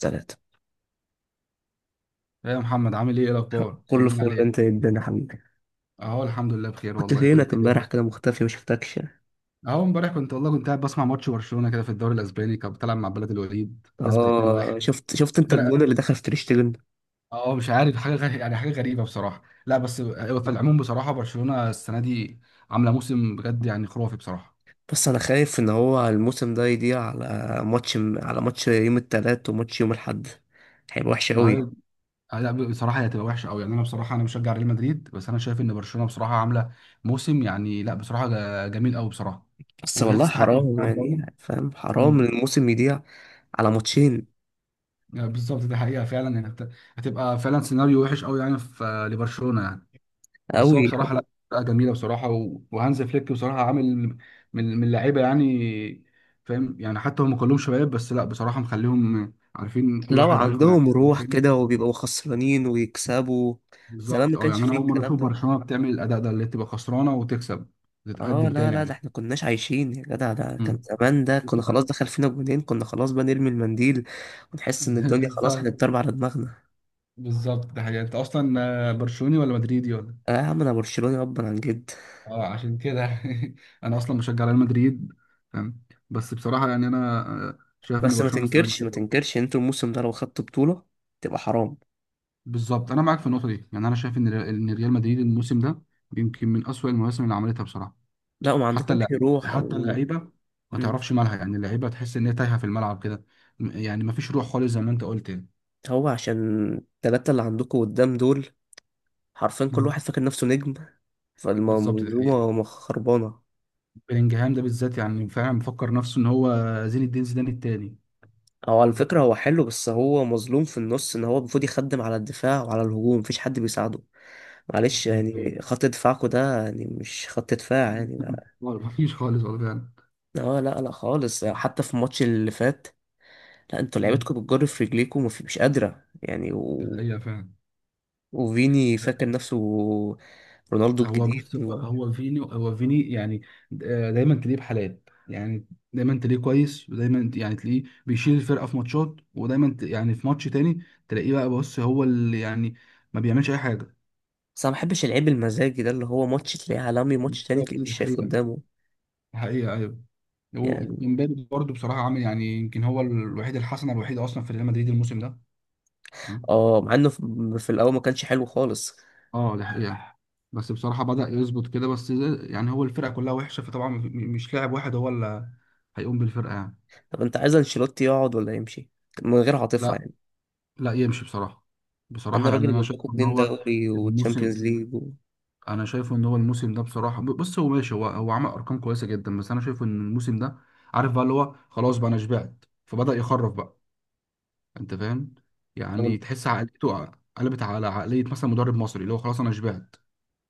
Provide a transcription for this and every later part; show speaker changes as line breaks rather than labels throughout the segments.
ثلاثة.
ايه يا محمد عامل ايه إيه الاخبار
كله
طمني
فل،
عليك.
انت يا ابن يا حبيبي.
اهو الحمد لله بخير
كنت
والله
فينك
كنت
امبارح
كده.
كده مختفي؟ ما شفتكش.
اهو امبارح كنت والله كنت قاعد بسمع ماتش برشلونه كده في الدوري الاسباني كانت بتلعب مع بلد الوليد كسبت 2-1.
اه، شفت. انت الجون
فرقه.
اللي دخل في تريشتجن.
اه مش عارف حاجه غريبة يعني حاجه غريبه بصراحه لا بس هو في العموم بصراحه برشلونه السنه دي عامله موسم بجد يعني خرافي بصراحه.
بس انا خايف ان هو الموسم ده يضيع على ماتش يوم التلات وماتش يوم الاحد، هيبقى وحش
ما
قوي.
هي آه لا بصراحه هي هتبقى وحشه قوي يعني انا بصراحه انا مشجع ريال مدريد بس انا شايف ان برشلونه بصراحه عامله موسم يعني لا بصراحه جميل قوي بصراحه.
بس
وهي
والله
تستحق
حرام،
بصراحة الدوري.
يعني فاهم، حرام ان
مم.
الموسم يضيع على ماتشين.
بالظبط دي حقيقة فعلا يعني هتبقى فعلا سيناريو وحش قوي يعني في لبرشلونة يعني. بس هو
قوي.
بصراحة لا فرقة جميلة بصراحة وهانز فليك بصراحة عامل من لعيبة يعني. فاهم يعني حتى هم كلهم شباب بس لا بصراحة مخليهم عارفين كل
لو
واحد عارف
عندهم روح
مكانه.
كده وبيبقوا خسرانين ويكسبوا. زمان ما
بالظبط اه
كانش
يعني
فيه
انا اول مرة
الكلام
اشوف
ده.
برشلونة بتعمل الاداء ده اللي تبقى خسرانة وتكسب
اه
تتقدم
لا
تاني
لا، ده
يعني.
احنا كناش عايشين يا جدع. ده كان
مم.
زمان، ده كنا خلاص دخل فينا جونين، كنا خلاص بقى نرمي المنديل ونحس ان الدنيا خلاص
بالظبط.
هتتضرب على دماغنا.
بالظبط ده حقيقة انت اصلا برشلوني ولا مدريدي ولا
اه يا عم، انا برشلوني ابا عن جد.
اه عشان كده. انا اصلا بشجع ريال مدريد فاهم. بس بصراحه يعني انا شايف ان
بس ما
برشلونه السنه دي
تنكرش ما
كده.
تنكرش انتوا الموسم ده لو خدتوا بطولة تبقى حرام.
بالظبط انا معاك في النقطه دي يعني انا شايف ان ان ريال مدريد الموسم ده يمكن من اسوأ المواسم اللي عملتها بصراحه.
لا، وما
حتى
عندكمش
اللعيبه
روح،
حتى
او...
اللعيبه ما
مم.
تعرفش مالها يعني اللعيبه تحس ان هي تايهه في الملعب كده. يعني ما فيش روح خالص زي ما انت قلت يعني.
هو عشان التلاتة اللي عندكم قدام دول حرفيا كل
مم.
واحد فاكر نفسه نجم،
بالظبط ده حقيقة.
فالمنظومة مخربانة.
بلينجهام ده بالذات يعني فعلا مفكر نفسه ان هو زين الدين زيدان التاني.
هو على فكرة هو حلو، بس هو مظلوم في النص، ان هو المفروض يخدم على الدفاع وعلى الهجوم، مفيش حد بيساعده. معلش
ايوه
يعني، خط دفاعكو ده يعني مش خط دفاع يعني ده.
مفيش خالص والله فعلا.
اه لا لا خالص، حتى في الماتش اللي فات، لا انتوا لعيبتكم
مم.
بتجر في رجليكم، مش قادرة يعني،
دي
و...
حقيقة فعلا.
وفيني فاكر نفسه رونالدو
هو
الجديد،
بص هو
و...
هو فيني هو فيني يعني. دايما تلاقيه بحالات يعني. دايما تلاقيه كويس ودايما يعني تلاقيه بيشيل الفرقة في ماتشات ودايما يعني في ماتش تاني تلاقيه بقى بص هو اللي يعني ما بيعملش أي حاجة.
بس انا ما بحبش اللعيب المزاجي ده، اللي هو ماتش تلاقيه عالمي، ماتش تاني تلاقيه
بالظبط
مش
دي
شايف
حقيقة دي
قدامه
حقيقة أيوه.
يعني.
ومبابي برضه بصراحة عامل يعني يمكن هو الوحيد الحسنة الوحيدة أصلا في ريال مدريد الموسم ده.
اه، مع انه في الاول ما كانش حلو خالص.
اه دي حقيقة. بس بصراحة بدأ يظبط كده بس يعني هو الفرقة كلها وحشة فطبعا مش لاعب واحد هو اللي هيقوم بالفرقة يعني.
طب انت عايز انشيلوتي يقعد ولا يمشي؟ من غير عاطفة
لا
يعني.
لا يمشي بصراحة.
انا
بصراحة يعني
راجل
أنا
جاب
شايف
لكم
إن
اتنين
هو
دوري
الموسم،
وتشامبيونز ليج، و...
أنا شايفه إن هو الموسم ده بصراحة بص هو ماشي هو عمل أرقام كويسة جدا بس أنا شايفه إن الموسم ده عارف بقى اللي هو خلاص بقى أنا شبعت فبدأ يخرف بقى. أنت فاهم
طب
يعني
انت
تحس عقليته قلبت على عقلية مثلا مدرب مصري اللي هو خلاص أنا شبعت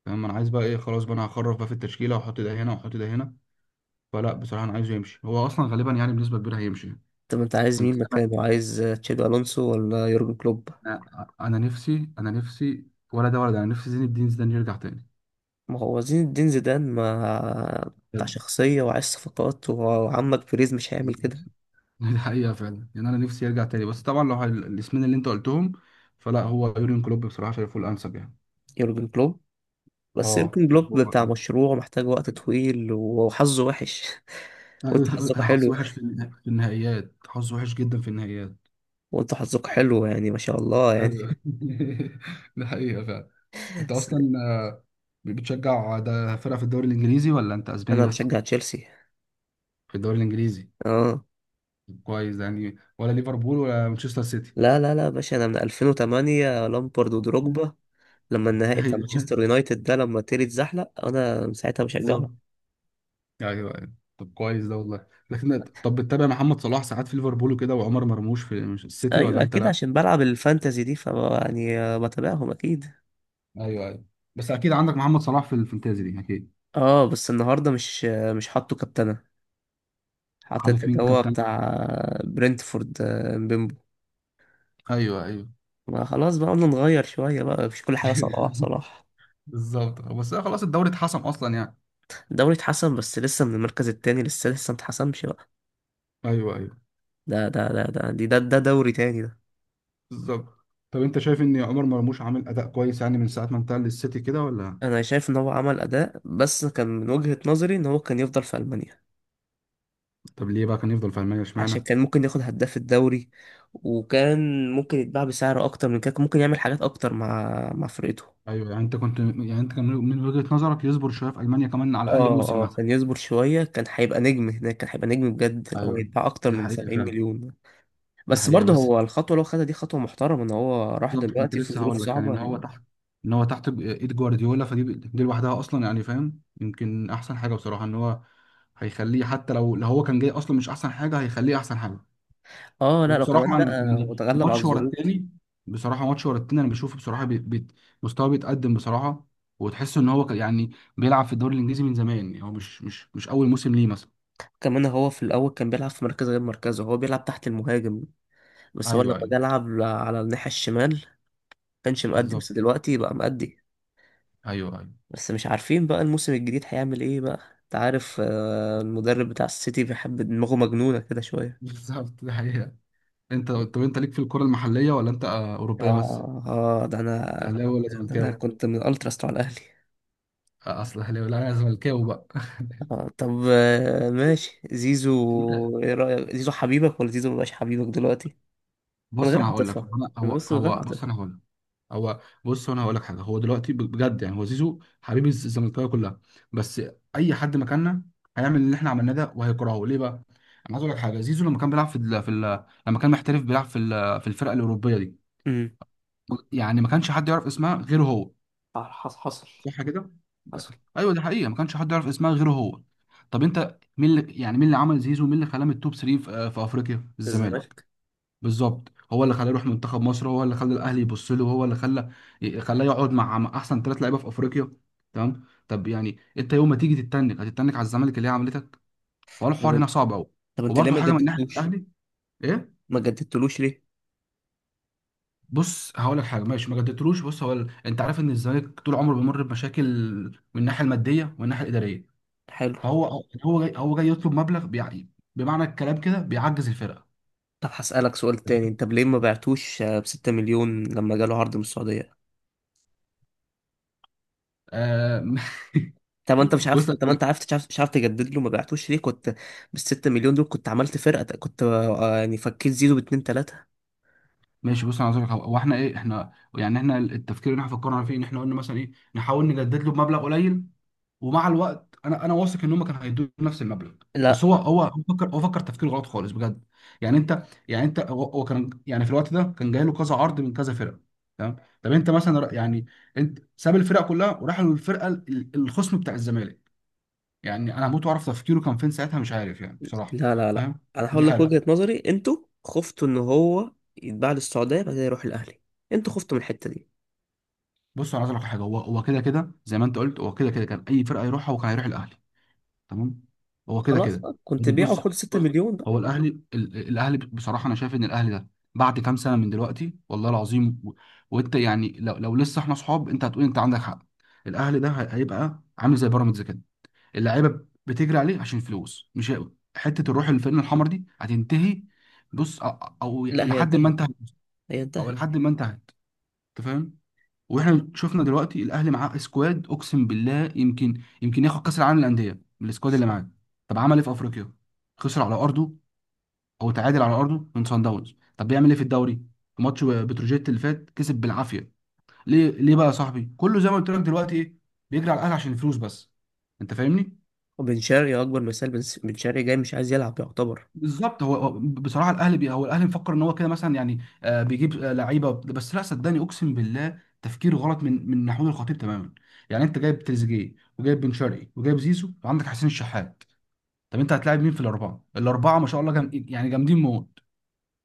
فاهم. أنا عايز بقى إيه خلاص بقى أنا هخرف بقى في التشكيلة وأحط ده هنا وأحط ده هنا. فلا بصراحة أنا عايزه يمشي هو أصلا غالبا يعني بنسبة كبيرة هيمشي.
طب انت عايز
كنت
مين مكانه؟ عايز تشابي الونسو ولا يورجن كلوب؟
أنا أنا نفسي ولا ده ولا ده أنا نفسي زين الدين زيدان يرجع تاني
ما هو زين الدين زيدان ما بتاع
بجد.
شخصية، وعايز صفقات، وعمك بيريز مش هيعمل كده.
دي حقيقة فعلا يعني أنا نفسي يرجع تاني بس طبعا لو الاسمين اللي أنت قلتهم فلا هو يورين كلوب بصراحة شايفه الأنسب يعني.
يورجن كلوب. بس
اه
يورجن
شايفه
كلوب
هو
بتاع
الأنسب.
مشروع محتاج وقت طويل، وحظه وحش. وانت
أيوه،
حظك
حظ
حلو.
وحش في في النهائيات حظ وحش جدا في النهائيات.
وانت حظك حلو يعني، ما شاء الله يعني.
ايوه ده حقيقة فعلا. أنت
بس
أصلا بتشجع ده فرقة في الدوري الإنجليزي ولا أنت أسباني
انا
بس؟
بشجع تشيلسي.
في الدوري الإنجليزي.
اه
كويس يعني ولا ليفربول ولا مانشستر سيتي.
لا لا لا يا باشا، انا من 2008، لامبرد
مم.
ودروجبا، لما النهائي بتاع
ايوه
مانشستر يونايتد ده، لما تيري اتزحلق، انا من ساعتها بشجعهم.
بالظبط. ايوه ايوه. طب كويس ده والله لكن طب بتتابع محمد صلاح ساعات في ليفربول وكده وعمر مرموش في السيتي ولا
ايوه
انت
اكيد،
لا.
عشان بلعب الفانتازي دي، ف يعني بتابعهم اكيد.
ايوه ايوه. بس اكيد عندك محمد صلاح في الفانتازي دي اكيد.
اه بس النهارده مش حاطه كابتنه. حطيت
حاطط مين
اللي هو
كابتن.
بتاع برنتفورد، مبيمبو.
ايوه ايوه.
ما خلاص بقى، قلنا نغير شويه بقى، مش كل حاجه صلاح صلاح.
بالظبط بس أنا خلاص الدوري اتحسم اصلا يعني.
الدوري اتحسن، بس لسه من المركز التاني، لسه لسه متحسمش بقى.
ايوه ايوه.
ده دوري تاني ده.
بالظبط. طب انت شايف ان عمر مرموش عامل اداء كويس يعني من ساعه ما انتقل للسيتي كده ولا.
انا شايف ان هو عمل اداء، بس كان من وجهة نظري ان هو كان يفضل في المانيا،
طب ليه بقى كان يفضل في المانيا
عشان
اشمعنى.
كان ممكن ياخد هداف الدوري، وكان ممكن يتباع بسعر اكتر من كده، كان ممكن يعمل حاجات اكتر مع فرقته.
ايوه يعني انت كنت يعني انت كان من وجهة نظرك يصبر شويه في المانيا كمان على الاقل
اه
موسم
اه،
مثلا.
كان يصبر شوية، كان هيبقى نجم هناك، كان هيبقى نجم بجد، اللي هو
ايوه
يتباع اكتر
دي
من
حقيقه
70
فعلا.
مليون.
دي
بس
حقيقه
برضه
بس.
هو الخطوة اللي هو خدها دي خطوة محترمة، ان هو راح
بالظبط كنت
دلوقتي في
لسه
ظروف
هقول لك يعني
صعبة
ان
يعني.
هو تحت ان هو تحت ايد جوارديولا فدي لوحدها اصلا يعني فاهم يمكن احسن حاجه بصراحه ان هو هيخليه حتى لو هو كان جاي اصلا مش احسن حاجه هيخليه احسن حاجه.
اه لا، لو كمان
وبصراحه انا
لا، هو
يعني
اتغلب على
ماتش ورا
الظروف.
التاني. بصراحه ماتش ورا التاني انا بشوفه بصراحه بي بي مستواه بيتقدم بصراحه. وتحس ان هو يعني بيلعب في الدوري الانجليزي من زمان يعني هو مش اول موسم ليه مثلا.
كمان هو في الاول كان بيلعب في مركز غير مركزه، هو بيلعب تحت المهاجم، بس هو لما
ايوه ايوه.
جه لعب على الناحية الشمال كانش مأدي،
بالظبط.
بس دلوقتي بقى مأدي.
ايوه ايوه.
بس مش عارفين بقى الموسم الجديد هيعمل ايه بقى، انت عارف، المدرب بتاع السيتي بيحب دماغه مجنونة كده شوية.
بالظبط دي حقيقة. انت طب انت ليك في الكرة المحلية ولا انت اوروبية بس؟
اه اه ده انا،
اهلاوي ولا
ده انا
زملكاوي؟
كنت من الالتراس بتاع الاهلي.
اصل اهلاوي لا انا زملكاوي بقى.
آه طب آه ماشي،
انت
زيزو ايه رأيك؟ زيزو حبيبك ولا زيزو مبقاش حبيبك دلوقتي؟ من
بص
غير
انا هقول لك هو
عاطفة.
انا
انا
هو
بس من غير
هو بص
عاطفة.
انا هقول لك. هو بص انا هقول لك حاجه هو دلوقتي بجد يعني هو زيزو حبيب الزملكاويه كلها. بس اي حد مكاننا هيعمل اللي احنا عملناه ده وهيكرهه ليه بقى؟ انا عايز اقول لك حاجه زيزو لما كان بيلعب في ال... لما كان محترف بيلعب في في الفرقه الاوروبيه دي
امم
يعني ما كانش حد يعرف اسمها غيره هو.
حصل حصل.
صح كده؟
حصل.
ايوه دي حقيقه ما كانش حد يعرف اسمها غيره هو. طب انت مين اللي يعني مين اللي عمل زيزو مين اللي خلاه من التوب 3 في في افريقيا الزمالك.
الزمالك.
بالظبط هو اللي خلاه يروح منتخب مصر هو اللي خلى الاهلي يبص له هو اللي خلى خلاه يقعد مع مع احسن ثلاث لعيبه في افريقيا. تمام طب يعني انت يوم ما تيجي تتنك هتتنك على الزمالك اللي هي عملتك هو الحوار
طب
هنا صعب قوي.
طب انت ليه
وبرده
ما
حاجه من ناحيه
جددتوش؟
الاهلي ايه.
ما جددتلوش ليه؟
بص هقول لك حاجه ماشي ما جددتلوش بص هو انت عارف ان الزمالك طول عمره بيمر بمشاكل من الناحيه الماديه والناحيه الاداريه.
حلو.
فهو هو جاي يطلب مبلغ بيعني بمعنى الكلام كده بيعجز الفرقه.
طب هسألك سؤال تاني، انت ليه ما بعتوش، بستة مليون، لما جاله عرض من السعودية؟
آه،
طب انت مش
بص
عارف، طب انت عرفت مش عارف تجدد له، ما بعتوش ليه؟ كنت بالستة مليون دول كنت عملت فرقة، كنت يعني فكيت زيزو باتنين تلاتة.
ماشي بص انا عايز اقول لك حاجة. هو احنا ايه احنا يعني احنا التفكير اللي احنا فكرنا فيه ان احنا قلنا مثلا ايه نحاول نجدد له بمبلغ قليل ومع الوقت انا واثق ان هم كانوا هيدوا نفس المبلغ. بس
لا
هو فكر تفكير غلط خالص بجد. يعني انت يعني انت هو كان يعني في الوقت ده كان جاي له كذا عرض من كذا فرقه. تمام طب انت مثلا يعني انت ساب الفرق كلها وراح للفرقه الخصم بتاع الزمالك يعني انا هموت واعرف تفكيره كان فين ساعتها مش عارف يعني بصراحه.
لا لا لا،
فاهم
انا
دي
هقول لك
حاجه.
وجهة نظري. انتوا خفتوا ان هو يتباع للسعودية بعد كده يروح الاهلي، انتوا خفتوا من الحتة دي.
بص انا عايز اقول لك على حاجه هو كده كده زي ما انت قلت هو كده كده كان اي فرقه يروحها هو كان هيروح الاهلي. تمام هو كده
خلاص
كده.
بقى كنت بيعه
بص
وخد ستة
بص
مليون بقى.
هو الاهلي الاهلي بصراحه انا شايف ان الاهلي ده بعد كام سنه من دلوقتي والله العظيم وانت يعني لو لسه احنا اصحاب انت هتقول انت عندك حق. الاهلي ده هيبقى عامل زي بيراميدز كده اللعيبه بتجري عليه عشان فلوس مش حته الروح الفرقه الحمر دي هتنتهي. بص او أو
لا
الى
هي
حد ما
انتهت،
انتهت
هي
او
انتهت.
لحد ما انتهت انت فاهم. واحنا شفنا دلوقتي الاهلي معاه سكواد اقسم بالله يمكن ياخد كاس العالم للانديه من السكواد اللي معاه. طب عمل ايه في افريقيا. خسر على ارضه او تعادل على ارضه من سان داونز. طب بيعمل ايه في الدوري. في ماتش بتروجيت اللي فات كسب بالعافيه. ليه بقى يا صاحبي كله زي ما قلت لك دلوقتي ايه بيجري على الاهلي عشان الفلوس بس. انت فاهمني.
وبن شرقي اكبر مثال، بن شرقي جاي مش عايز يلعب يعتبر.
بالظبط هو بصراحه الاهلي بي هو الاهلي مفكر ان هو كده مثلا يعني آه بيجيب آه لعيبه بس لا صدقني اقسم بالله تفكير غلط من محمود الخطيب تماما. يعني انت جايب تريزيجيه وجايب بن شرقي وجايب زيزو وعندك حسين الشحات. طب انت هتلاعب مين في الاربعه؟ الاربعه ما شاء الله جم... يعني جامدين موت.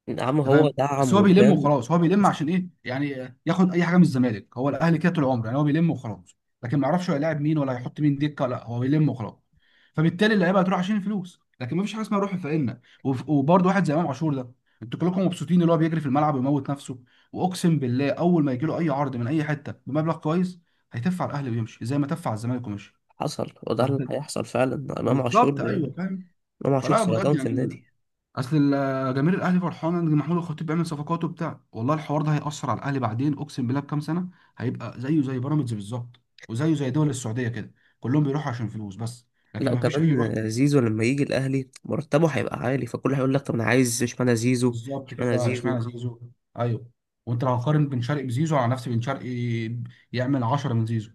يا عم
انت
هو
فاهم بس
دعم
هو بيلم
قدام.
وخلاص هو بيلم
بس
عشان ايه يعني ياخد اي حاجه من الزمالك هو الاهلي كده طول عمره يعني هو بيلم وخلاص. لكن ما يعرفش هو هيلاعب مين ولا هيحط مين دكه لا هو بيلم وخلاص. فبالتالي اللعيبه هتروح عشان الفلوس لكن ما فيش حاجه اسمها روح فقيرنا وبرضه واحد زي امام عاشور ده انتوا كلكم مبسوطين اللي هو بيجري في الملعب ويموت نفسه. واقسم بالله اول ما يجي له اي عرض من اي حته بمبلغ كويس هيتف على الاهلي ويمشي زي ما تف على الزمالك ومشي.
حصل، وده اللي
فأنت-
هيحصل فعلا. امام عاشور.
بالظبط ايوه فاهم.
امام عاشور
فلا بجد
سرطان في
يعني
النادي.
اصل جماهير الاهلي فرحانه ان محمود الخطيب بيعمل صفقات وبتاع والله الحوار ده هيأثر على الاهلي بعدين اقسم بالله بكام سنه هيبقى زيه زي بيراميدز بالظبط. وزيه زي دول السعوديه كده كلهم بيروحوا عشان فلوس بس
لا،
لكن ما فيش اي روح.
وكمان زيزو لما يجي الاهلي مرتبه هيبقى عالي، فكل هيقول لك طب انا عايز اشمعنى زيزو.
بالظبط
اشمعنى
كده اشمعنى
زيزو.
زيزو. ايوه. وانت لو هتقارن بن شرقي بزيزو على نفسي بن شرقي يعمل 10 من زيزو.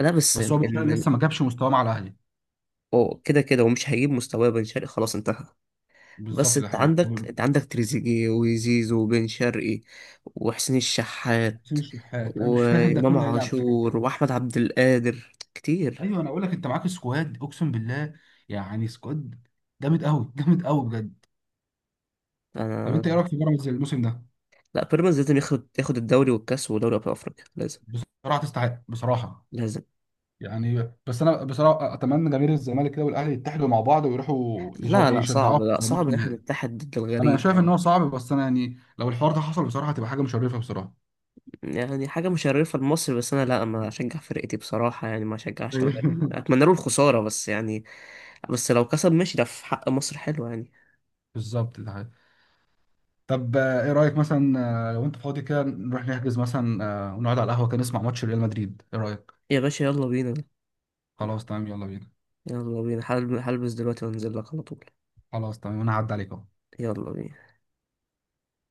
لا، بس
بس
ان
هو بن شرقي لسه ما جابش مستواه مع الاهلي.
هو كده كده ومش هيجيب مستواه، بن شرقي خلاص انتهى. بس
بالظبط ده حقيقي.
انت عندك تريزيجيه وزيزو وبن شرقي وحسين الشحات
وحسين الشحات انا مش فاهم ده
وامام
كله هيلعب في.
عاشور واحمد عبد القادر، كتير.
ايوه انا اقول لك انت معاك سكواد اقسم بالله يعني سكواد جامد قوي. جامد قوي بجد. طب انت ايه رايك في بيراميدز الموسم ده.
لا، بيراميدز لازم ياخد الدوري والكاس ودوري ابطال افريقيا، لازم.
بصراحه تستحق بصراحه.
لازم.
يعني بس انا بصراحه اتمنى جماهير الزمالك كده والاهلي يتحدوا مع بعض ويروحوا
لا لا صعب،
يشجعوه
لا
في
صعب
ماتش
ان احنا
النهائي.
نتحد ضد
انا
الغريب
شايف ان
يعني.
هو صعب بس انا يعني لو الحوار ده حصل بصراحه هتبقى حاجه مشرفه بصراحه.
يعني حاجه مشرفه لمصر، بس انا لا، ما اشجع فرقتي بصراحه يعني، ما اشجعش الغريب، اتمنى له الخساره بس يعني. بس لو كسب ماشي، ده في حق مصر، حلو يعني.
بالظبط ده حقيقي. طب ايه رايك مثلا لو انت فاضي كده نروح نحجز مثلا ونقعد على القهوه كده نسمع ماتش ريال مدريد ايه رايك.
يا باشا يلا بينا.
خلاص تمام يلا بينا.
يلا بينا، هلبس دلوقتي وانزل لك على طول.
خلاص تمام انا هعدي عليك اهو.
يلا بينا.